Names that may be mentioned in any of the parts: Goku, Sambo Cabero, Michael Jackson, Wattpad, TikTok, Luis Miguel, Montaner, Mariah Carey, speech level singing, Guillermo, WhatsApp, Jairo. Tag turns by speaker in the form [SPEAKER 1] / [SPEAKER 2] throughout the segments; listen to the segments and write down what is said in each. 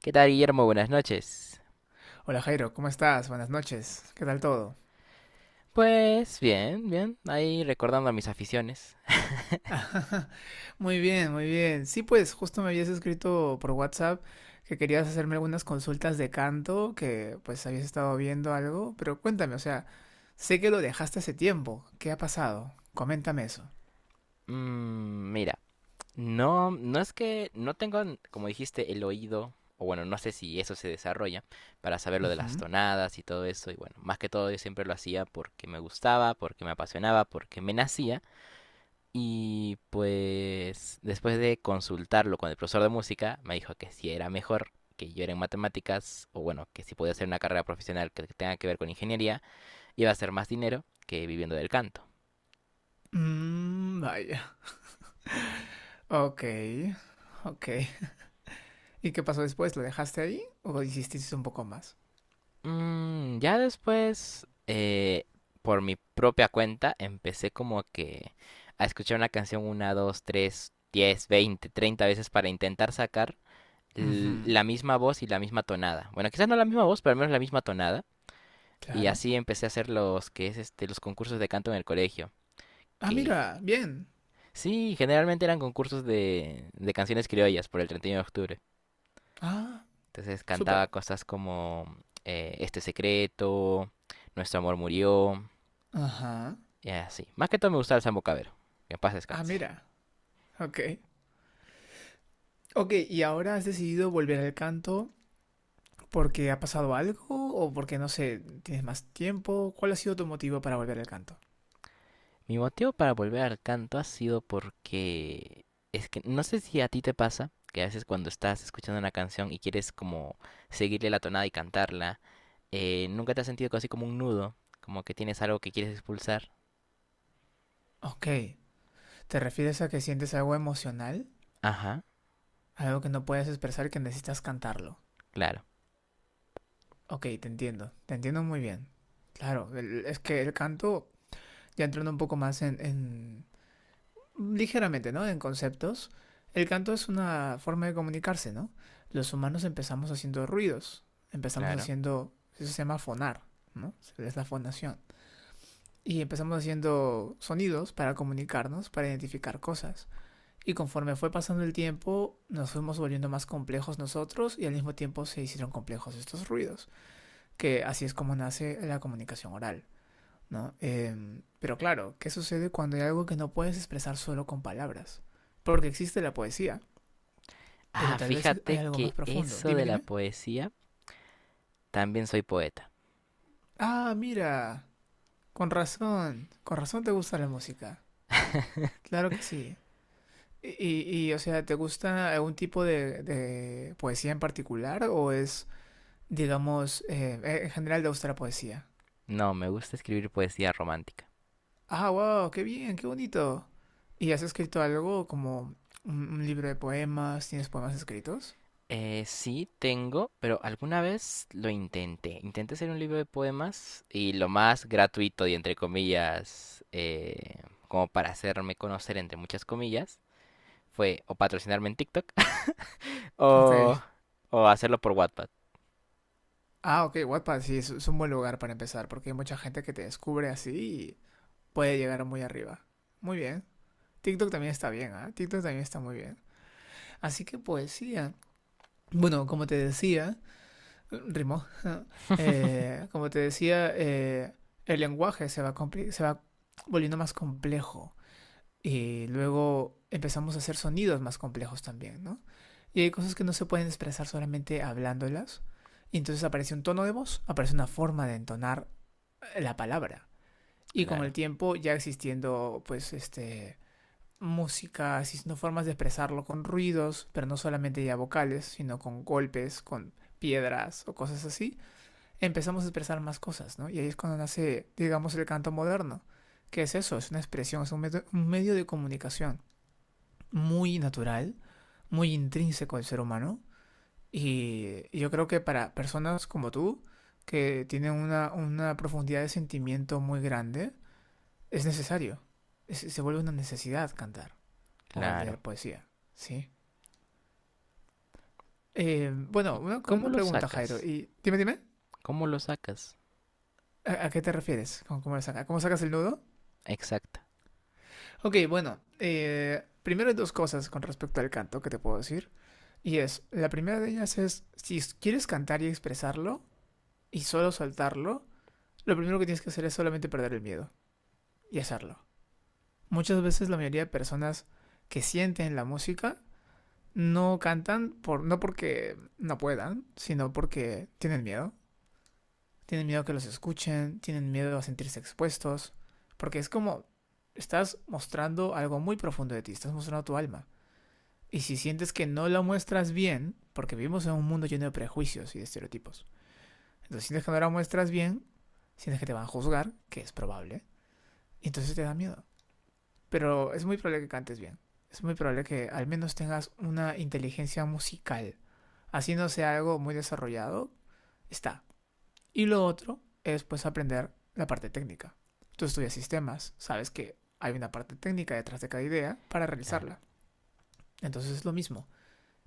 [SPEAKER 1] ¿Qué tal, Guillermo? Buenas noches.
[SPEAKER 2] Hola Jairo, ¿cómo estás? Buenas noches. ¿Qué tal todo?
[SPEAKER 1] Pues bien, bien, ahí recordando mis aficiones.
[SPEAKER 2] Muy bien, muy bien. Sí, pues justo me habías escrito por WhatsApp que querías hacerme algunas consultas de canto, que pues habías estado viendo algo, pero cuéntame, o sea, sé que lo dejaste hace tiempo. ¿Qué ha pasado? Coméntame eso.
[SPEAKER 1] Mira, no, no es que no tengo, como dijiste, el oído, o bueno, no sé si eso se desarrolla, para saber lo de las
[SPEAKER 2] Ujú.
[SPEAKER 1] tonadas y todo eso. Y bueno, más que todo yo siempre lo hacía porque me gustaba, porque me apasionaba, porque me nacía. Y pues después de consultarlo con el profesor de música, me dijo que si era mejor que yo era en matemáticas, o bueno, que si podía hacer una carrera profesional que tenga que ver con ingeniería, iba a ser más dinero que viviendo del canto.
[SPEAKER 2] Mm, vaya. Ok, ok. ¿Y qué pasó después? ¿Lo dejaste ahí o hiciste un poco más?
[SPEAKER 1] Ya después, por mi propia cuenta, empecé como que a escuchar una canción una, dos, tres, 10, 20, 30 veces para intentar sacar
[SPEAKER 2] Ujú,
[SPEAKER 1] la misma voz y la misma tonada. Bueno, quizás no la misma voz, pero al menos la misma tonada. Y
[SPEAKER 2] claro.
[SPEAKER 1] así empecé a hacer los que es este, los concursos de canto en el colegio.
[SPEAKER 2] Ah,
[SPEAKER 1] Que
[SPEAKER 2] mira, bien.
[SPEAKER 1] sí, generalmente eran concursos de canciones criollas por el 31 de octubre.
[SPEAKER 2] Ah,
[SPEAKER 1] Entonces
[SPEAKER 2] súper.
[SPEAKER 1] cantaba cosas como Este secreto, Nuestro amor murió,
[SPEAKER 2] Ajá.
[SPEAKER 1] y así. Más que todo me gustaba el Sambo Cabero, que en paz
[SPEAKER 2] Ah,
[SPEAKER 1] descanse.
[SPEAKER 2] mira, ok. Ok, ¿y ahora has decidido volver al canto porque ha pasado algo o porque, no sé, tienes más tiempo? ¿Cuál ha sido tu motivo para volver al canto?
[SPEAKER 1] Mi motivo para volver al canto ha sido porque es que no sé si a ti te pasa que a veces cuando estás escuchando una canción y quieres como seguirle la tonada y cantarla, nunca te has sentido así como un nudo, como que tienes algo que quieres expulsar.
[SPEAKER 2] Ok, ¿te refieres a que sientes algo emocional?
[SPEAKER 1] Ajá,
[SPEAKER 2] Algo que no puedes expresar que necesitas cantarlo.
[SPEAKER 1] claro,
[SPEAKER 2] Ok, te entiendo muy bien. Claro, es que el canto, ya entrando un poco más en, ligeramente, ¿no? En conceptos, el canto es una forma de comunicarse, ¿no? Los humanos empezamos haciendo ruidos, empezamos
[SPEAKER 1] claro.
[SPEAKER 2] haciendo, eso se llama fonar, ¿no? Es la fonación. Y empezamos haciendo sonidos para comunicarnos, para identificar cosas. Y conforme fue pasando el tiempo, nos fuimos volviendo más complejos nosotros y al mismo tiempo se hicieron complejos estos ruidos, que así es como nace la comunicación oral. ¿No? Pero claro, ¿qué sucede cuando hay algo que no puedes expresar solo con palabras? Porque existe la poesía, pero
[SPEAKER 1] Ah,
[SPEAKER 2] tal vez hay
[SPEAKER 1] fíjate
[SPEAKER 2] algo más
[SPEAKER 1] que
[SPEAKER 2] profundo.
[SPEAKER 1] eso
[SPEAKER 2] Dime,
[SPEAKER 1] de la
[SPEAKER 2] dime.
[SPEAKER 1] poesía, también soy poeta.
[SPEAKER 2] Ah, mira, con razón te gusta la música. Claro que sí. Y, o sea, ¿te gusta algún tipo de poesía en particular o es, digamos, en general te gusta la poesía?
[SPEAKER 1] No, me gusta escribir poesía romántica.
[SPEAKER 2] Ah, wow, qué bien, qué bonito. ¿Y has escrito algo como un libro de poemas? ¿Tienes poemas escritos?
[SPEAKER 1] Sí, tengo, pero alguna vez lo intenté. Intenté hacer un libro de poemas y lo más gratuito y entre comillas, como para hacerme conocer entre muchas comillas, fue o patrocinarme en TikTok
[SPEAKER 2] Ok,
[SPEAKER 1] o, o hacerlo por Wattpad.
[SPEAKER 2] ah, ok, Wattpad sí, es un buen lugar para empezar, porque hay mucha gente que te descubre así y puede llegar muy arriba. Muy bien. TikTok también está bien, ¿ah? TikTok también está muy bien. Así que poesía. Bueno, como te decía, rimó. Como te decía, el lenguaje se va, se va volviendo más complejo. Y luego empezamos a hacer sonidos más complejos también, ¿no? Y hay cosas que no se pueden expresar solamente hablándolas. Y entonces aparece un tono de voz, aparece una forma de entonar la palabra. Y con el
[SPEAKER 1] Claro,
[SPEAKER 2] tiempo ya existiendo, pues, música, existiendo formas de expresarlo con ruidos, pero no solamente ya vocales, sino con golpes, con piedras o cosas así, empezamos a expresar más cosas, ¿no? Y ahí es cuando nace, digamos, el canto moderno. ¿Qué es eso? Es una expresión, es un medio de comunicación muy natural, muy intrínseco al ser humano. Y yo creo que para personas como tú, que tienen una profundidad de sentimiento muy grande, es necesario. Se vuelve una necesidad cantar o leer
[SPEAKER 1] claro.
[SPEAKER 2] poesía, ¿sí? Bueno,
[SPEAKER 1] ¿Y
[SPEAKER 2] una,
[SPEAKER 1] cómo
[SPEAKER 2] una
[SPEAKER 1] lo
[SPEAKER 2] pregunta, Jairo.
[SPEAKER 1] sacas?
[SPEAKER 2] Y dime, dime,
[SPEAKER 1] ¿Cómo lo sacas?
[SPEAKER 2] ¿a qué te refieres? ¿Cómo sacas el nudo?
[SPEAKER 1] Exacto,
[SPEAKER 2] Ok, bueno, primero hay dos cosas con respecto al canto que te puedo decir. Y es, la primera de ellas es, si quieres cantar y expresarlo y solo soltarlo, lo primero que tienes que hacer es solamente perder el miedo y hacerlo. Muchas veces la mayoría de personas que sienten la música no cantan por, no porque no puedan, sino porque tienen miedo. Tienen miedo que los escuchen, tienen miedo a sentirse expuestos, porque es como estás mostrando algo muy profundo de ti, estás mostrando tu alma. Y si sientes que no la muestras bien, porque vivimos en un mundo lleno de prejuicios y de estereotipos, entonces sientes que no la muestras bien, sientes que te van a juzgar, que es probable, y entonces te da miedo. Pero es muy probable que cantes bien. Es muy probable que al menos tengas una inteligencia musical. Así no sea algo muy desarrollado, está. Y lo otro es pues aprender la parte técnica. Tú estudias sistemas, sabes que hay una parte técnica detrás de cada idea para
[SPEAKER 1] claro.
[SPEAKER 2] realizarla. Entonces es lo mismo.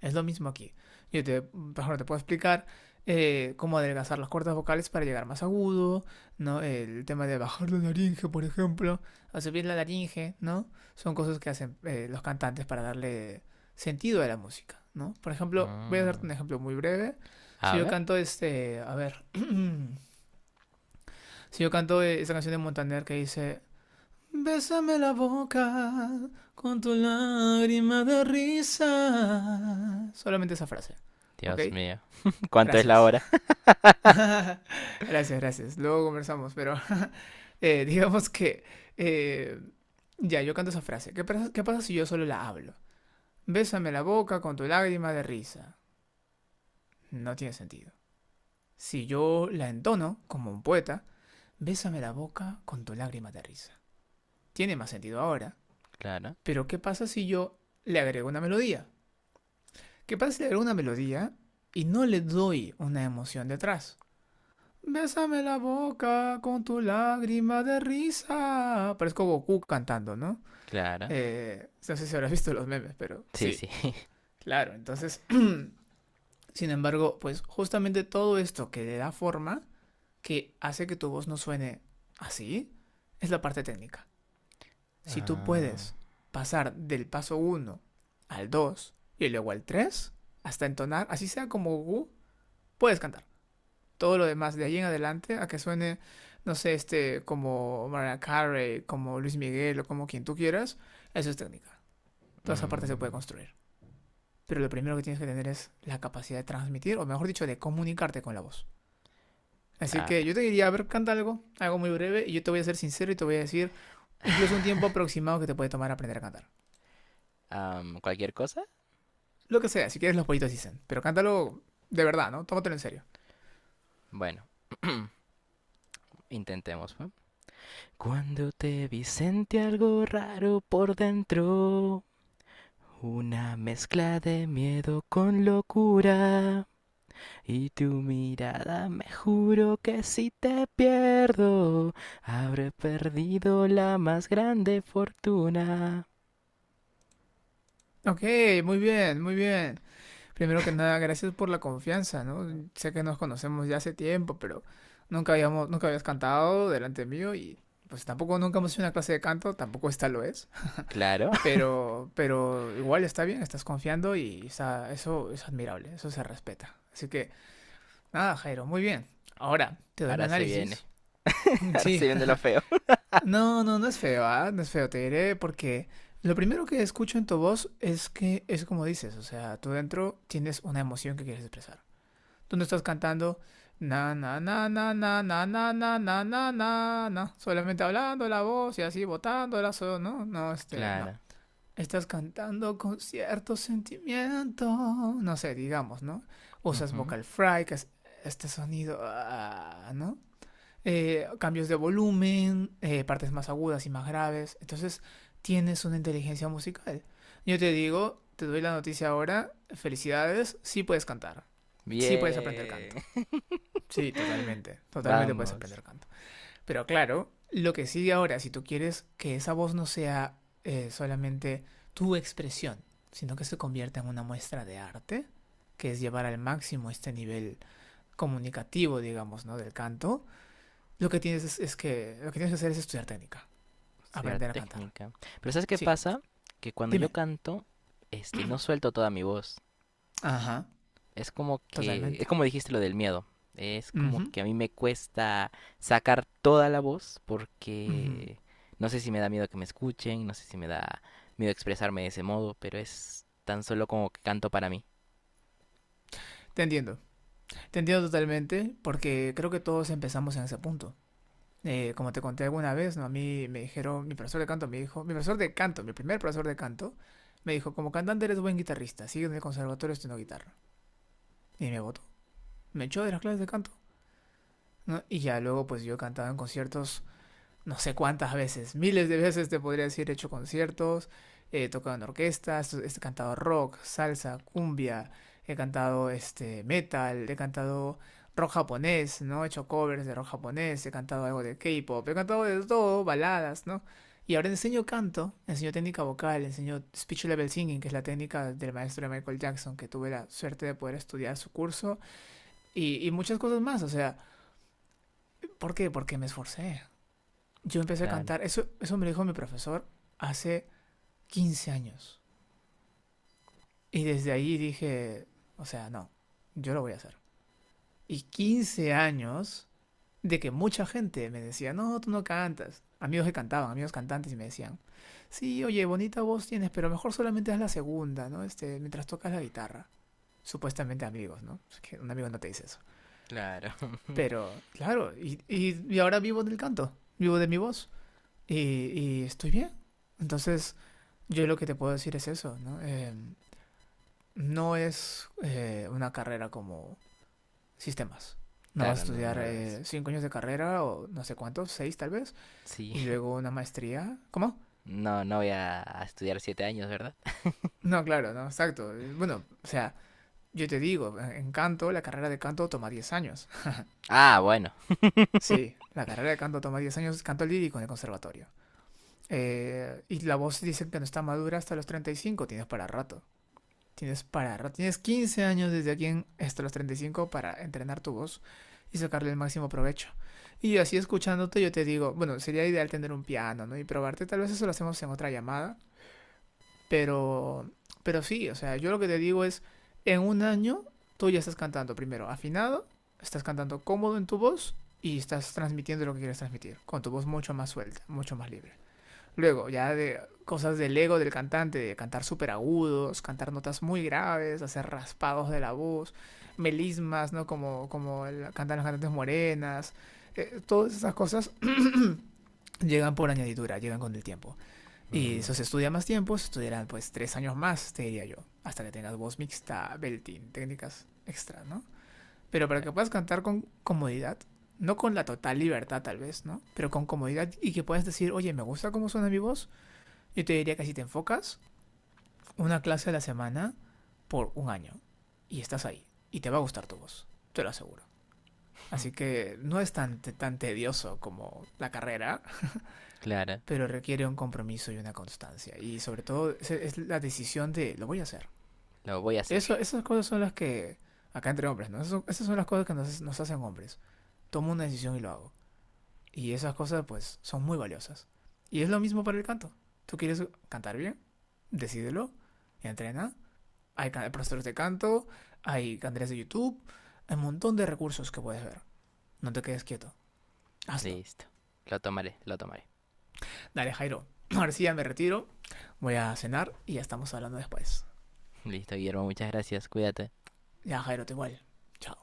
[SPEAKER 2] Es lo mismo aquí. Yo te, por ejemplo, te puedo explicar cómo adelgazar las cuerdas vocales para llegar más agudo, ¿no? El tema de bajar la laringe, por ejemplo, o subir la laringe, ¿no? Son cosas que hacen los cantantes para darle sentido a la música, ¿no? Por ejemplo, voy a darte
[SPEAKER 1] Mm.
[SPEAKER 2] un ejemplo muy breve. Si
[SPEAKER 1] A
[SPEAKER 2] yo
[SPEAKER 1] ver,
[SPEAKER 2] canto a ver, si yo canto esta canción de Montaner que dice bésame la boca con tu lágrima de risa. Solamente esa frase, ¿ok?
[SPEAKER 1] Dios mío, ¿cuánto es la
[SPEAKER 2] Gracias.
[SPEAKER 1] hora?
[SPEAKER 2] Gracias, gracias. Luego conversamos, pero digamos que... eh, ya, yo canto esa frase. ¿Qué pasa si yo solo la hablo? Bésame la boca con tu lágrima de risa. No tiene sentido. Si yo la entono como un poeta, bésame la boca con tu lágrima de risa. Tiene más sentido ahora.
[SPEAKER 1] Claro,
[SPEAKER 2] Pero ¿qué pasa si yo le agrego una melodía? ¿Qué pasa si le agrego una melodía y no le doy una emoción detrás? Bésame la boca con tu lágrima de risa. Parezco Goku cantando, ¿no?
[SPEAKER 1] claro.
[SPEAKER 2] No sé si habrás visto los memes, pero
[SPEAKER 1] Sí, sí.
[SPEAKER 2] sí, claro. Entonces, sin embargo, pues justamente todo esto que le da forma, que hace que tu voz no suene así, es la parte técnica. Si tú
[SPEAKER 1] Ah,
[SPEAKER 2] puedes pasar del paso uno al 2 y luego al 3 hasta entonar, así sea como Gu, puedes cantar. Todo lo demás de ahí en adelante, a que suene, no sé, como Mariah Carey, como Luis Miguel o como quien tú quieras, eso es técnica. Toda esa parte se puede
[SPEAKER 1] mm,
[SPEAKER 2] construir. Pero lo primero que tienes que tener es la capacidad de transmitir, o mejor dicho, de comunicarte con la voz. Así que
[SPEAKER 1] claro.
[SPEAKER 2] yo te diría, a ver, canta algo, algo muy breve, y yo te voy a ser sincero y te voy a decir incluso un tiempo aproximado que te puede tomar aprender a cantar.
[SPEAKER 1] ¿Cualquier cosa?
[SPEAKER 2] Lo que sea, si quieres los pollitos dicen. Pero cántalo de verdad, ¿no? Tómatelo en serio.
[SPEAKER 1] Bueno, intentemos. ¿Va? Cuando te vi sentí algo raro por dentro. Una mezcla de miedo con locura. Y tu mirada me juro que si te pierdo, habré perdido la más grande fortuna.
[SPEAKER 2] Ok, muy bien, muy bien. Primero que nada, gracias por la confianza, ¿no? Sé que nos conocemos ya hace tiempo, pero nunca habíamos, nunca habías cantado delante mío y pues tampoco nunca hemos hecho una clase de canto, tampoco esta lo es.
[SPEAKER 1] Claro,
[SPEAKER 2] Pero, igual está bien, estás confiando y está, eso es admirable, eso se respeta. Así que, nada, Jairo, muy bien. Ahora, te doy mi
[SPEAKER 1] ahora se viene.
[SPEAKER 2] análisis.
[SPEAKER 1] Ahora
[SPEAKER 2] Sí,
[SPEAKER 1] se viene lo feo.
[SPEAKER 2] no, no, no es feo, ¿ah? No es feo, te diré porque lo primero que escucho en tu voz es que es como dices, o sea, tú dentro tienes una emoción que quieres expresar. Tú no estás cantando na na na na na na na na na na na na, solamente hablando la voz y así botando la so, no, no, no.
[SPEAKER 1] Claro.
[SPEAKER 2] Estás cantando con cierto sentimiento, no sé, digamos, ¿no? Usas
[SPEAKER 1] Ujú.
[SPEAKER 2] vocal fry, que es este sonido, ah, ¿no? Cambios de volumen, partes más agudas y más graves. Entonces tienes una inteligencia musical. Yo te digo, te doy la noticia ahora, felicidades, sí puedes cantar, sí puedes aprender
[SPEAKER 1] Bien.
[SPEAKER 2] canto. Sí, totalmente, totalmente puedes
[SPEAKER 1] Vamos,
[SPEAKER 2] aprender canto. Pero claro, lo que sigue ahora, si tú quieres que esa voz no sea solamente tu expresión, sino que se convierta en una muestra de arte, que es llevar al máximo este nivel comunicativo, digamos, ¿no? Del canto, lo que tienes es que lo que tienes que hacer es estudiar técnica,
[SPEAKER 1] a estudiar
[SPEAKER 2] aprender a cantar.
[SPEAKER 1] técnica. Pero ¿sabes qué
[SPEAKER 2] Sí,
[SPEAKER 1] pasa? Que cuando yo
[SPEAKER 2] dime.
[SPEAKER 1] canto, este, no suelto toda mi voz.
[SPEAKER 2] Ajá,
[SPEAKER 1] Es
[SPEAKER 2] totalmente.
[SPEAKER 1] como dijiste lo del miedo. Es como
[SPEAKER 2] Ujú,
[SPEAKER 1] que a mí me cuesta sacar toda la voz
[SPEAKER 2] ujú.
[SPEAKER 1] porque no sé si me da miedo que me escuchen, no sé si me da miedo expresarme de ese modo, pero es tan solo como que canto para mí.
[SPEAKER 2] Te entiendo, te entiendo totalmente porque creo que todos empezamos en ese punto. Como te conté alguna vez, ¿no? A mí me dijeron, mi profesor de canto me dijo, mi profesor de canto, mi primer profesor de canto, me dijo, como cantante eres buen guitarrista, sigue en el conservatorio estudiando guitarra. Y me votó. Me echó de las clases de canto, ¿no? Y ya luego pues yo cantaba en conciertos no sé cuántas veces, miles de veces te podría decir, he hecho conciertos, he tocado en orquestas, he cantado rock, salsa, cumbia, he cantado metal, he cantado rock japonés, ¿no? He hecho covers de rock japonés, he cantado algo de K-pop, he cantado de todo, baladas, ¿no? Y ahora enseño canto, enseño técnica vocal, enseño speech level singing, que es la técnica del maestro de Michael Jackson, que tuve la suerte de poder estudiar su curso, y muchas cosas más, o sea, ¿por qué? Porque me esforcé, yo empecé a
[SPEAKER 1] Claro,
[SPEAKER 2] cantar. Eso me lo dijo mi profesor hace 15 años. Y desde ahí dije, o sea, no, yo lo voy a hacer. Y 15 años de que mucha gente me decía, no, tú no cantas. Amigos que cantaban, amigos cantantes, y me decían, sí, oye, bonita voz tienes, pero mejor solamente haz la segunda, ¿no? Mientras tocas la guitarra. Supuestamente amigos, ¿no? Es que un amigo no te dice eso.
[SPEAKER 1] claro,
[SPEAKER 2] Pero, claro, y ahora vivo del canto, vivo de mi voz. Y, y, estoy bien. Entonces, yo lo que te puedo decir es eso, ¿no? No es una carrera como sistemas. No vas a
[SPEAKER 1] claro, no,
[SPEAKER 2] estudiar
[SPEAKER 1] no lo es.
[SPEAKER 2] 5 años de carrera o no sé cuántos, seis tal vez,
[SPEAKER 1] Sí,
[SPEAKER 2] y luego una maestría. ¿Cómo?
[SPEAKER 1] no, no voy a estudiar 7 años, ¿verdad?
[SPEAKER 2] No, claro, no, exacto. Bueno, o sea, yo te digo, en canto, la carrera de canto toma 10 años.
[SPEAKER 1] Ah, bueno.
[SPEAKER 2] Sí, la carrera de canto toma 10 años, canto lírico en el conservatorio. Y la voz dicen que no está madura hasta los 35. Tienes para rato. Tienes 15 años desde aquí hasta los 35 para entrenar tu voz y sacarle el máximo provecho. Y así escuchándote yo te digo, bueno, sería ideal tener un piano, ¿no? Y probarte, tal vez eso lo hacemos en otra llamada, pero pero sí, o sea, yo lo que te digo es en un año tú ya estás cantando primero afinado, estás cantando cómodo en tu voz y estás transmitiendo lo que quieres transmitir, con tu voz mucho más suelta, mucho más libre. Luego, ya de cosas del ego del cantante, de cantar súper agudos, cantar notas muy graves, hacer raspados de la voz, melismas, ¿no? Como cantan las cantantes morenas. Todas esas cosas llegan por añadidura, llegan con el tiempo. Y
[SPEAKER 1] Mm,
[SPEAKER 2] eso se estudia más tiempo, se estudiarán pues 3 años más, te diría yo, hasta que tengas voz mixta, belting, técnicas extras, ¿no? Pero para que
[SPEAKER 1] claro.
[SPEAKER 2] puedas cantar con comodidad, no con la total libertad tal vez, ¿no? Pero con comodidad y que puedas decir, oye, me gusta cómo suena mi voz, yo te diría que si te enfocas una clase a la semana por un año y estás ahí y te va a gustar tu voz, te lo aseguro. Así que no es tan, tan tedioso como la carrera,
[SPEAKER 1] Claro.
[SPEAKER 2] pero requiere un compromiso y una constancia. Y sobre todo es, la decisión de lo voy a hacer.
[SPEAKER 1] Lo voy a hacer.
[SPEAKER 2] Eso, esas cosas son las que, acá entre hombres, ¿no? Eso, esas son las cosas que nos hacen hombres. Tomo una decisión y lo hago. Y esas cosas pues son muy valiosas. Y es lo mismo para el canto. ¿Tú quieres cantar bien? Decídelo, entrena. Hay profesores de canto, hay canales de YouTube, hay un montón de recursos que puedes ver. No te quedes quieto, hazlo.
[SPEAKER 1] Listo. Lo tomaré, lo tomaré.
[SPEAKER 2] Dale, Jairo. Ahora sí ya me retiro, voy a cenar y ya estamos hablando después.
[SPEAKER 1] Listo, Guillermo, muchas gracias. Cuídate.
[SPEAKER 2] Ya, Jairo, te igual. Chao.